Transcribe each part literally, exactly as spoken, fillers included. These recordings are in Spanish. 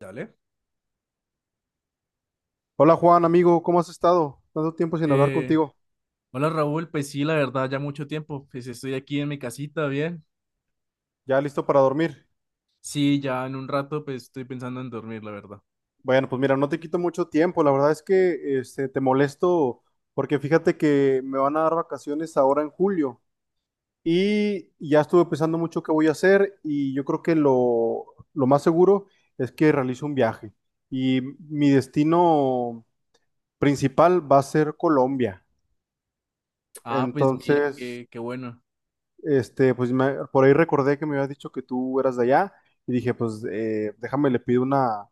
Dale. Hola Juan, amigo, ¿cómo has estado? Tanto tiempo sin hablar Eh, contigo. Hola Raúl, pues sí, la verdad, ya mucho tiempo, pues estoy aquí en mi casita, bien. ¿Ya listo para dormir? Sí, ya en un rato, pues estoy pensando en dormir, la verdad. Bueno, pues mira, no te quito mucho tiempo. La verdad es que este, te molesto porque fíjate que me van a dar vacaciones ahora en julio y ya estuve pensando mucho qué voy a hacer y yo creo que lo, lo más seguro es que realice un viaje y mi destino principal va a ser Colombia. Ah, pues mira, Entonces, qué, qué bueno. Este, pues me- por ahí recordé que me habías dicho que tú eras de allá y dije, pues eh, déjame, le pido una,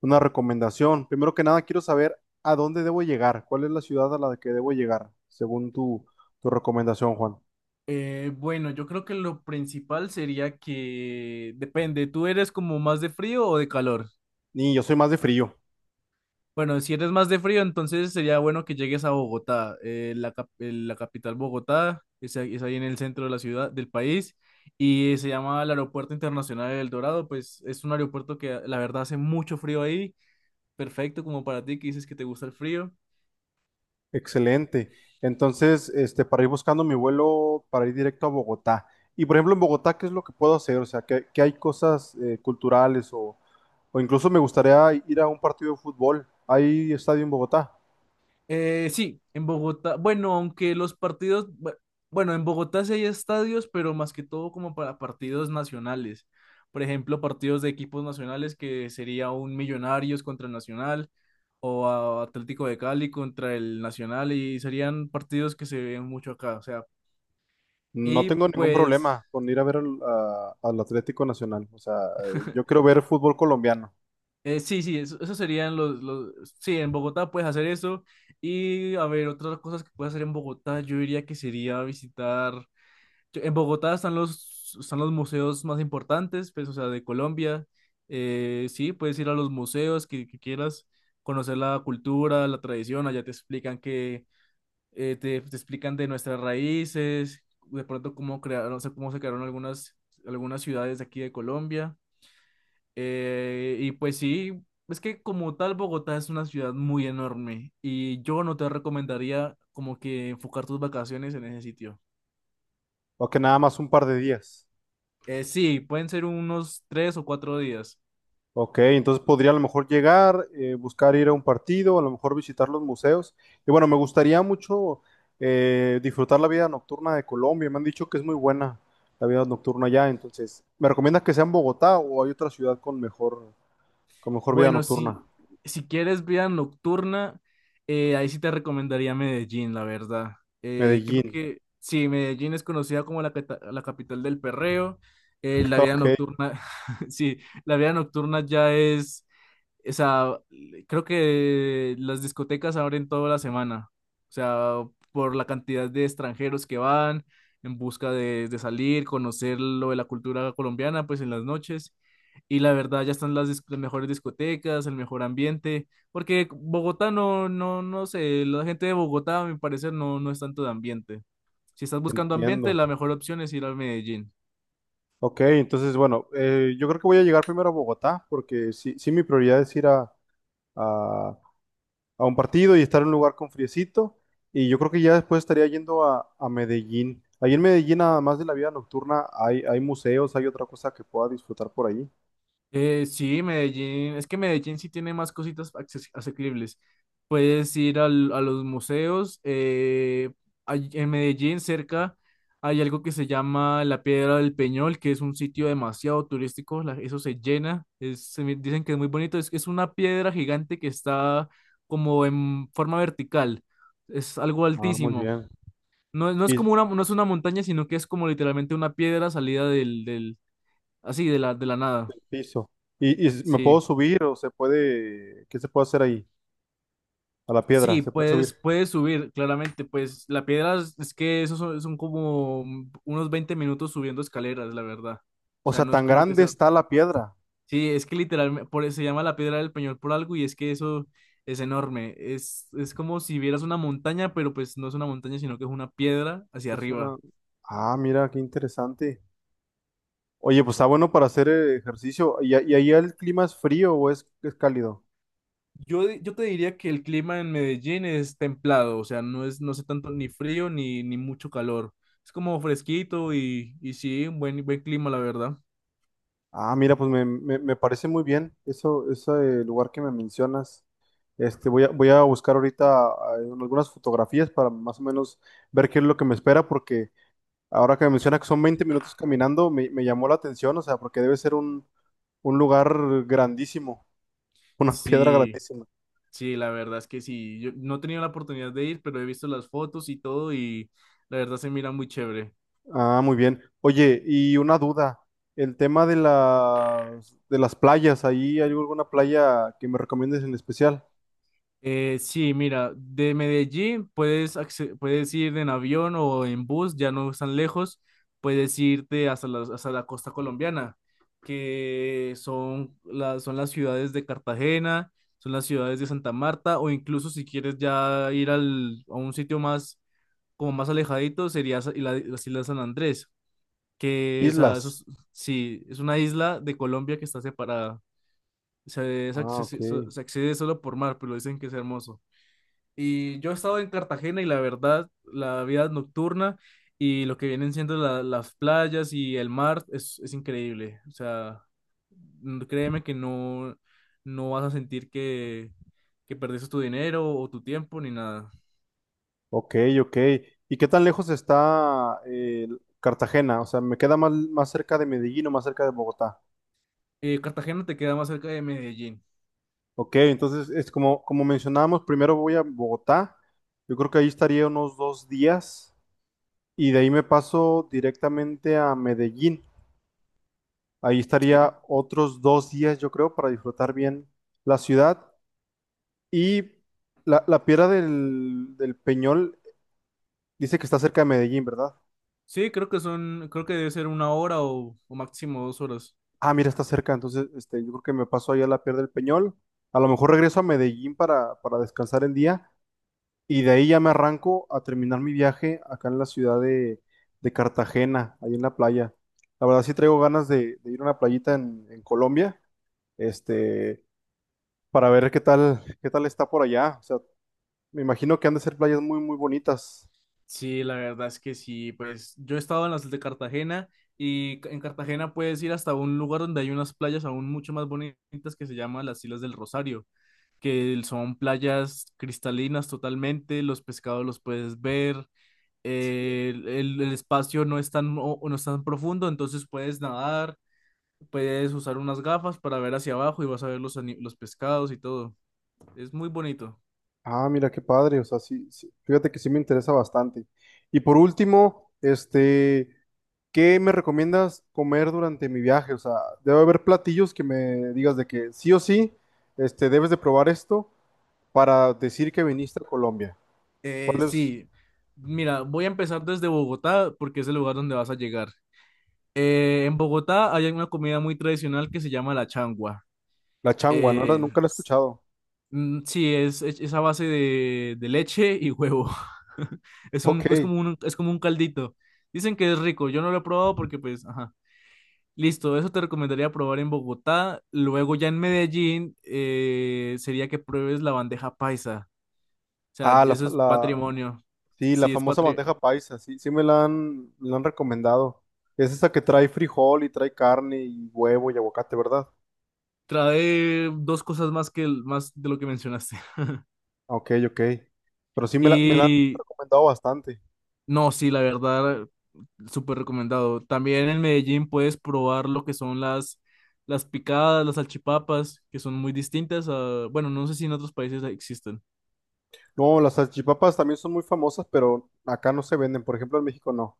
una recomendación. Primero que nada, quiero saber a dónde debo llegar, cuál es la ciudad a la que debo llegar, según tu, tu recomendación, Juan. Eh, bueno, yo creo que lo principal sería que depende, ¿tú eres como más de frío o de calor? Y yo soy más de frío. Bueno, si eres más de frío, entonces sería bueno que llegues a Bogotá, eh, la, cap- eh, la capital Bogotá, es, ahí es ahí en el centro de la ciudad, del país, y se llama el Aeropuerto Internacional del Dorado. Pues es un aeropuerto que la verdad hace mucho frío ahí, perfecto como para ti que dices que te gusta el frío. Excelente. Entonces, este, para ir buscando mi vuelo, para ir directo a Bogotá. Y por ejemplo, en Bogotá, ¿qué es lo que puedo hacer? O sea, ¿qué, qué hay cosas eh, culturales o, o incluso me gustaría ir a un partido de fútbol? ¿Hay estadio en Bogotá? Eh, sí, en Bogotá, bueno, aunque los partidos, bu- bueno, en Bogotá sí hay estadios, pero más que todo como para partidos nacionales. Por ejemplo, partidos de equipos nacionales que sería un Millonarios contra el Nacional o a- Atlético de Cali contra el Nacional, y serían partidos que se ven mucho acá, o sea, No y tengo ningún pues problema con ir a ver al, a- al Atlético Nacional. O sea, eh, yo quiero ver fútbol colombiano, eh, sí, sí, eso, eso serían los, los, sí, en Bogotá puedes hacer eso. Y a ver, otras cosas que puedes hacer en Bogotá, yo diría que sería visitar. En Bogotá están los, están los museos más importantes, pues, o sea, de Colombia. Eh, sí, puedes ir a los museos que, que quieras, conocer la cultura, la tradición, allá te explican que, eh, te, te explican de nuestras raíces, de pronto cómo crearon, o sea, cómo se crearon algunas, algunas ciudades de aquí de Colombia. Eh, y pues sí, es que como tal Bogotá es una ciudad muy enorme y yo no te recomendaría como que enfocar tus vacaciones en ese sitio. o que nada más un par de días. Eh, sí, pueden ser unos tres o cuatro días. Ok, entonces podría a lo mejor llegar, eh, buscar ir a un partido, a lo mejor visitar los museos. Y bueno, me gustaría mucho eh, disfrutar la vida nocturna de Colombia. Me han dicho que es muy buena la vida nocturna allá. Entonces, ¿me recomiendas que sea en Bogotá o hay otra ciudad con mejor, con mejor vida Bueno, si, nocturna? si quieres vida nocturna, eh, ahí sí te recomendaría Medellín, la verdad. Eh, creo Medellín. que sí, Medellín es conocida como la, cata- la capital del perreo. Eh, la vida Ok, nocturna, sí, la vida nocturna ya es. O sea, creo que las discotecas abren toda la semana. O sea, por la cantidad de extranjeros que van en busca de, de salir, conocer lo de la cultura colombiana, pues en las noches. Y la verdad, ya están las, dis- las mejores discotecas, el mejor ambiente, porque Bogotá no, no, no sé, la gente de Bogotá, a mi parecer, no, no es tanto de ambiente. Si estás buscando ambiente, entiendo. la mejor opción es ir a Medellín. Ok, entonces, bueno, eh, yo creo que voy a llegar primero a Bogotá, porque sí, sí mi prioridad es ir a, a- a un partido y estar en un lugar con friecito, y yo creo que ya después estaría yendo a, a Medellín. Ahí en Medellín, además de la vida nocturna, hay, hay museos, hay otra cosa que pueda disfrutar por ahí. Eh, sí, Medellín, es que Medellín sí tiene más cositas acces- asequibles. Puedes ir al- a los museos. Eh, hay- en Medellín, cerca, hay algo que se llama la Piedra del Peñol, que es un sitio demasiado turístico. La- eso se llena. Es- se me- dicen que es muy bonito. Es, es una piedra gigante que está como en forma vertical. Es algo Ah, muy altísimo. bien. No, no es Y como una, no es una montaña, sino que es como literalmente una piedra salida del, del, así, de la, de la nada. piso. ¿Y, y me puedo Sí. subir o se puede, qué se puede hacer ahí? A la piedra, Sí, se puede puedes, subir. puedes subir, claramente, pues la piedra es es que esos son, son como unos veinte minutos subiendo escaleras, la verdad. O O sea, sea, no es tan como que grande sea... está la piedra. Sí, es que literalmente, por eso se llama la piedra del Peñol por algo, y es que eso es enorme. Es, es como si vieras una montaña, pero pues no es una montaña, sino que es una piedra hacia Es una... arriba. Ah, mira, qué interesante. Oye, pues está bueno para hacer eh, ejercicio. ¿Y, a- y ahí el clima es frío o es, es cálido? Yo, di- yo te diría que el clima en Medellín es templado, o sea, no es, no hace tanto ni frío ni, ni mucho calor. Es como fresquito, y, y sí, un buen, buen clima, la verdad. Ah, mira, pues me, me- me parece muy bien eso, ese eh, lugar que me mencionas. Este, voy a, voy a buscar ahorita ah, algunas fotografías para más o menos ver qué es lo que me espera, porque ahora que me menciona que son veinte minutos caminando, me, me llamó la atención, o sea, porque debe ser un, un lugar grandísimo, una piedra Sí. grandísima. Sí, la verdad es que sí. Yo no he tenido la oportunidad de ir, pero he visto las fotos y todo, y la verdad se mira muy chévere. Ah, muy bien. Oye, y una duda, el tema de las de las playas, ¿ahí hay alguna playa que me recomiendes en especial? Eh, sí, mira, de Medellín puedes, acce- puedes ir en avión o en bus, ya no están lejos, puedes irte hasta la, hasta la costa colombiana, que son, las son las ciudades de Cartagena, son las ciudades de Santa Marta, o incluso si quieres ya ir al, a un sitio más, como más alejadito, sería sa- la, las Islas San Andrés. Que, o sea, eso es- Islas. sí, es una isla de Colombia que está separada. Se, es Ah, ok. accesi- so- Se accede solo por mar, pero dicen que es hermoso. Y yo he estado en Cartagena y la verdad, la vida nocturna y lo que vienen siendo la- las playas y el mar es, es increíble. O sea, n- créeme que no, no vas a sentir que, que perdiste tu dinero o tu tiempo ni nada. Ok, ok. ¿Y qué tan lejos está eh, Cartagena? O sea, ¿me queda más, más cerca de Medellín o más cerca de Bogotá? Eh, Cartagena te queda más cerca de Medellín. Ok, entonces es como, como mencionábamos, primero voy a Bogotá. Yo creo que ahí estaría unos dos días y de ahí me paso directamente a Medellín. Ahí Sí. estaría otros dos días, yo creo, para disfrutar bien la ciudad. Y la, la piedra del, del Peñol dice que está cerca de Medellín, ¿verdad? Sí, creo que son, creo que debe ser una hora o, o máximo dos horas. Ah, mira, está cerca. Entonces, este, yo creo que me paso ahí a la piedra del Peñol. A lo mejor regreso a Medellín para, para descansar el día. Y de ahí ya me arranco a terminar mi viaje acá en la ciudad de, de Cartagena, ahí en la playa. La verdad sí traigo ganas de, de ir a una playita en, en Colombia, este, para ver qué tal, qué tal está por allá. O sea, me imagino que han de ser playas muy, muy bonitas. Sí, la verdad es que sí, pues yo he estado en las de Cartagena y ca- en Cartagena puedes ir hasta un lugar donde hay unas playas aún mucho más bonitas que se llaman las Islas del Rosario, que son playas cristalinas totalmente, los pescados los puedes ver. Eh, el, el- el espacio no es tan, o- no es tan profundo, entonces puedes nadar, puedes usar unas gafas para ver hacia abajo, y vas a ver los, ani- los pescados y todo. Es muy bonito. Ah, mira qué padre. O sea, sí, sí, fíjate que sí me interesa bastante. Y por último, este, ¿qué me recomiendas comer durante mi viaje? O sea, debe haber platillos que me digas de que sí o sí, este, debes de probar esto para decir que viniste a Colombia. Eh, ¿Cuál es Sí, mira, voy a empezar desde Bogotá porque es el lugar donde vas a llegar. Eh, en Bogotá hay una comida muy tradicional que se llama la changua. la changua? No la, Eh, nunca la he escuchado. mm, sí, es, es, es a base de, de leche y huevo. Es un, es Ok. como un, es como un caldito. Dicen que es rico, yo no lo he probado porque pues, ajá. Listo, eso te recomendaría probar en Bogotá. Luego ya en Medellín, eh, sería que pruebes la bandeja paisa. O sea, Ah, la, eso fa- es la, patrimonio. Sí, la Sí, es famosa patrimonio. bandeja paisa, sí, sí me la han, la han recomendado. Es esa que trae frijol y trae carne y huevo y aguacate, ¿verdad? Trae dos cosas más que el- más de lo que mencionaste. Ah, ok, ok. Pero sí me la, me la han Y recomendado bastante. no, sí, la verdad, súper recomendado. También en Medellín puedes probar lo que son las, las picadas, las salchipapas, que son muy distintas a, bueno, no sé si en otros países existen. No, las salchipapas también son muy famosas, pero acá no se venden. Por ejemplo, en México no.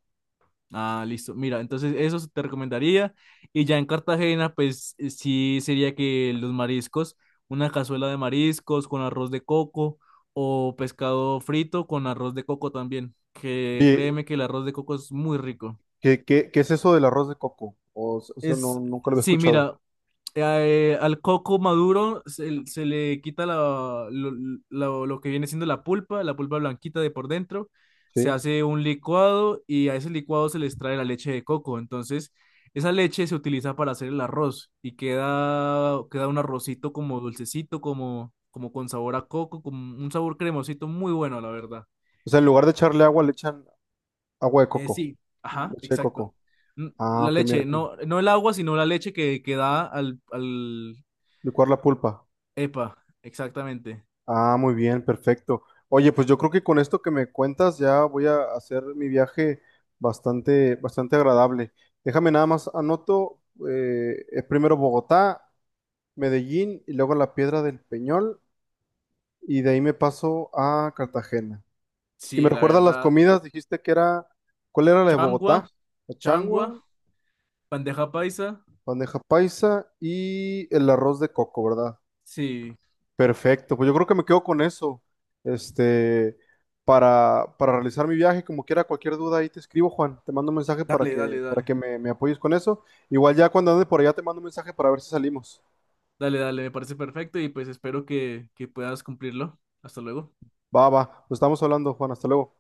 Ah, listo. Mira, entonces eso te recomendaría. Y ya en Cartagena, pues eh, sí, sería que los mariscos, una cazuela de mariscos con arroz de coco, o pescado frito con arroz de coco también, que Oye, créeme que el arroz de coco es muy rico. ¿qué, qué, qué es eso del arroz de coco? O, s- eso no, Es, nunca lo había sí, escuchado, mira, eh, al coco maduro se, se le quita la- lo, lo- lo que viene siendo la pulpa, la pulpa blanquita de por dentro, se ¿sí? hace un licuado y a ese licuado se le extrae la leche de coco. Entonces, esa leche se utiliza para hacer el arroz y queda, queda un arrocito como dulcecito, como, como con sabor a coco, con un sabor cremosito muy bueno, la verdad. O sea, en lugar de echarle agua, le echan agua de Eh, coco, Sí, ajá, leche de exacto. coco. N- Ah, La ok, mira leche, aquí. no, no el agua, sino la leche que, que da al, al... Licuar la pulpa. Epa, exactamente. Ah, muy bien, perfecto. Oye, pues yo creo que con esto que me cuentas ya voy a hacer mi viaje bastante, bastante agradable. Déjame nada más anoto eh, eh, primero Bogotá, Medellín y luego la Piedra del Peñol y de ahí me paso a Cartagena. Y me Sí, la recuerdas las verdad. comidas, dijiste que era, ¿cuál era la de Changua, Bogotá? La changua, changua, bandeja paisa. bandeja paisa y el arroz de coco, ¿verdad? Sí, Perfecto, pues yo creo que me quedo con eso. Este, para, para realizar mi viaje, como quiera, cualquier duda ahí te escribo, Juan. Te mando un mensaje para dale, que, dale, para dale. que me, me apoyes con eso. Igual ya cuando ande por allá te mando un mensaje para ver si salimos. Dale, dale, me parece perfecto y pues espero que, que puedas cumplirlo. Hasta luego. Va, va, nos estamos hablando, Juan. Hasta luego.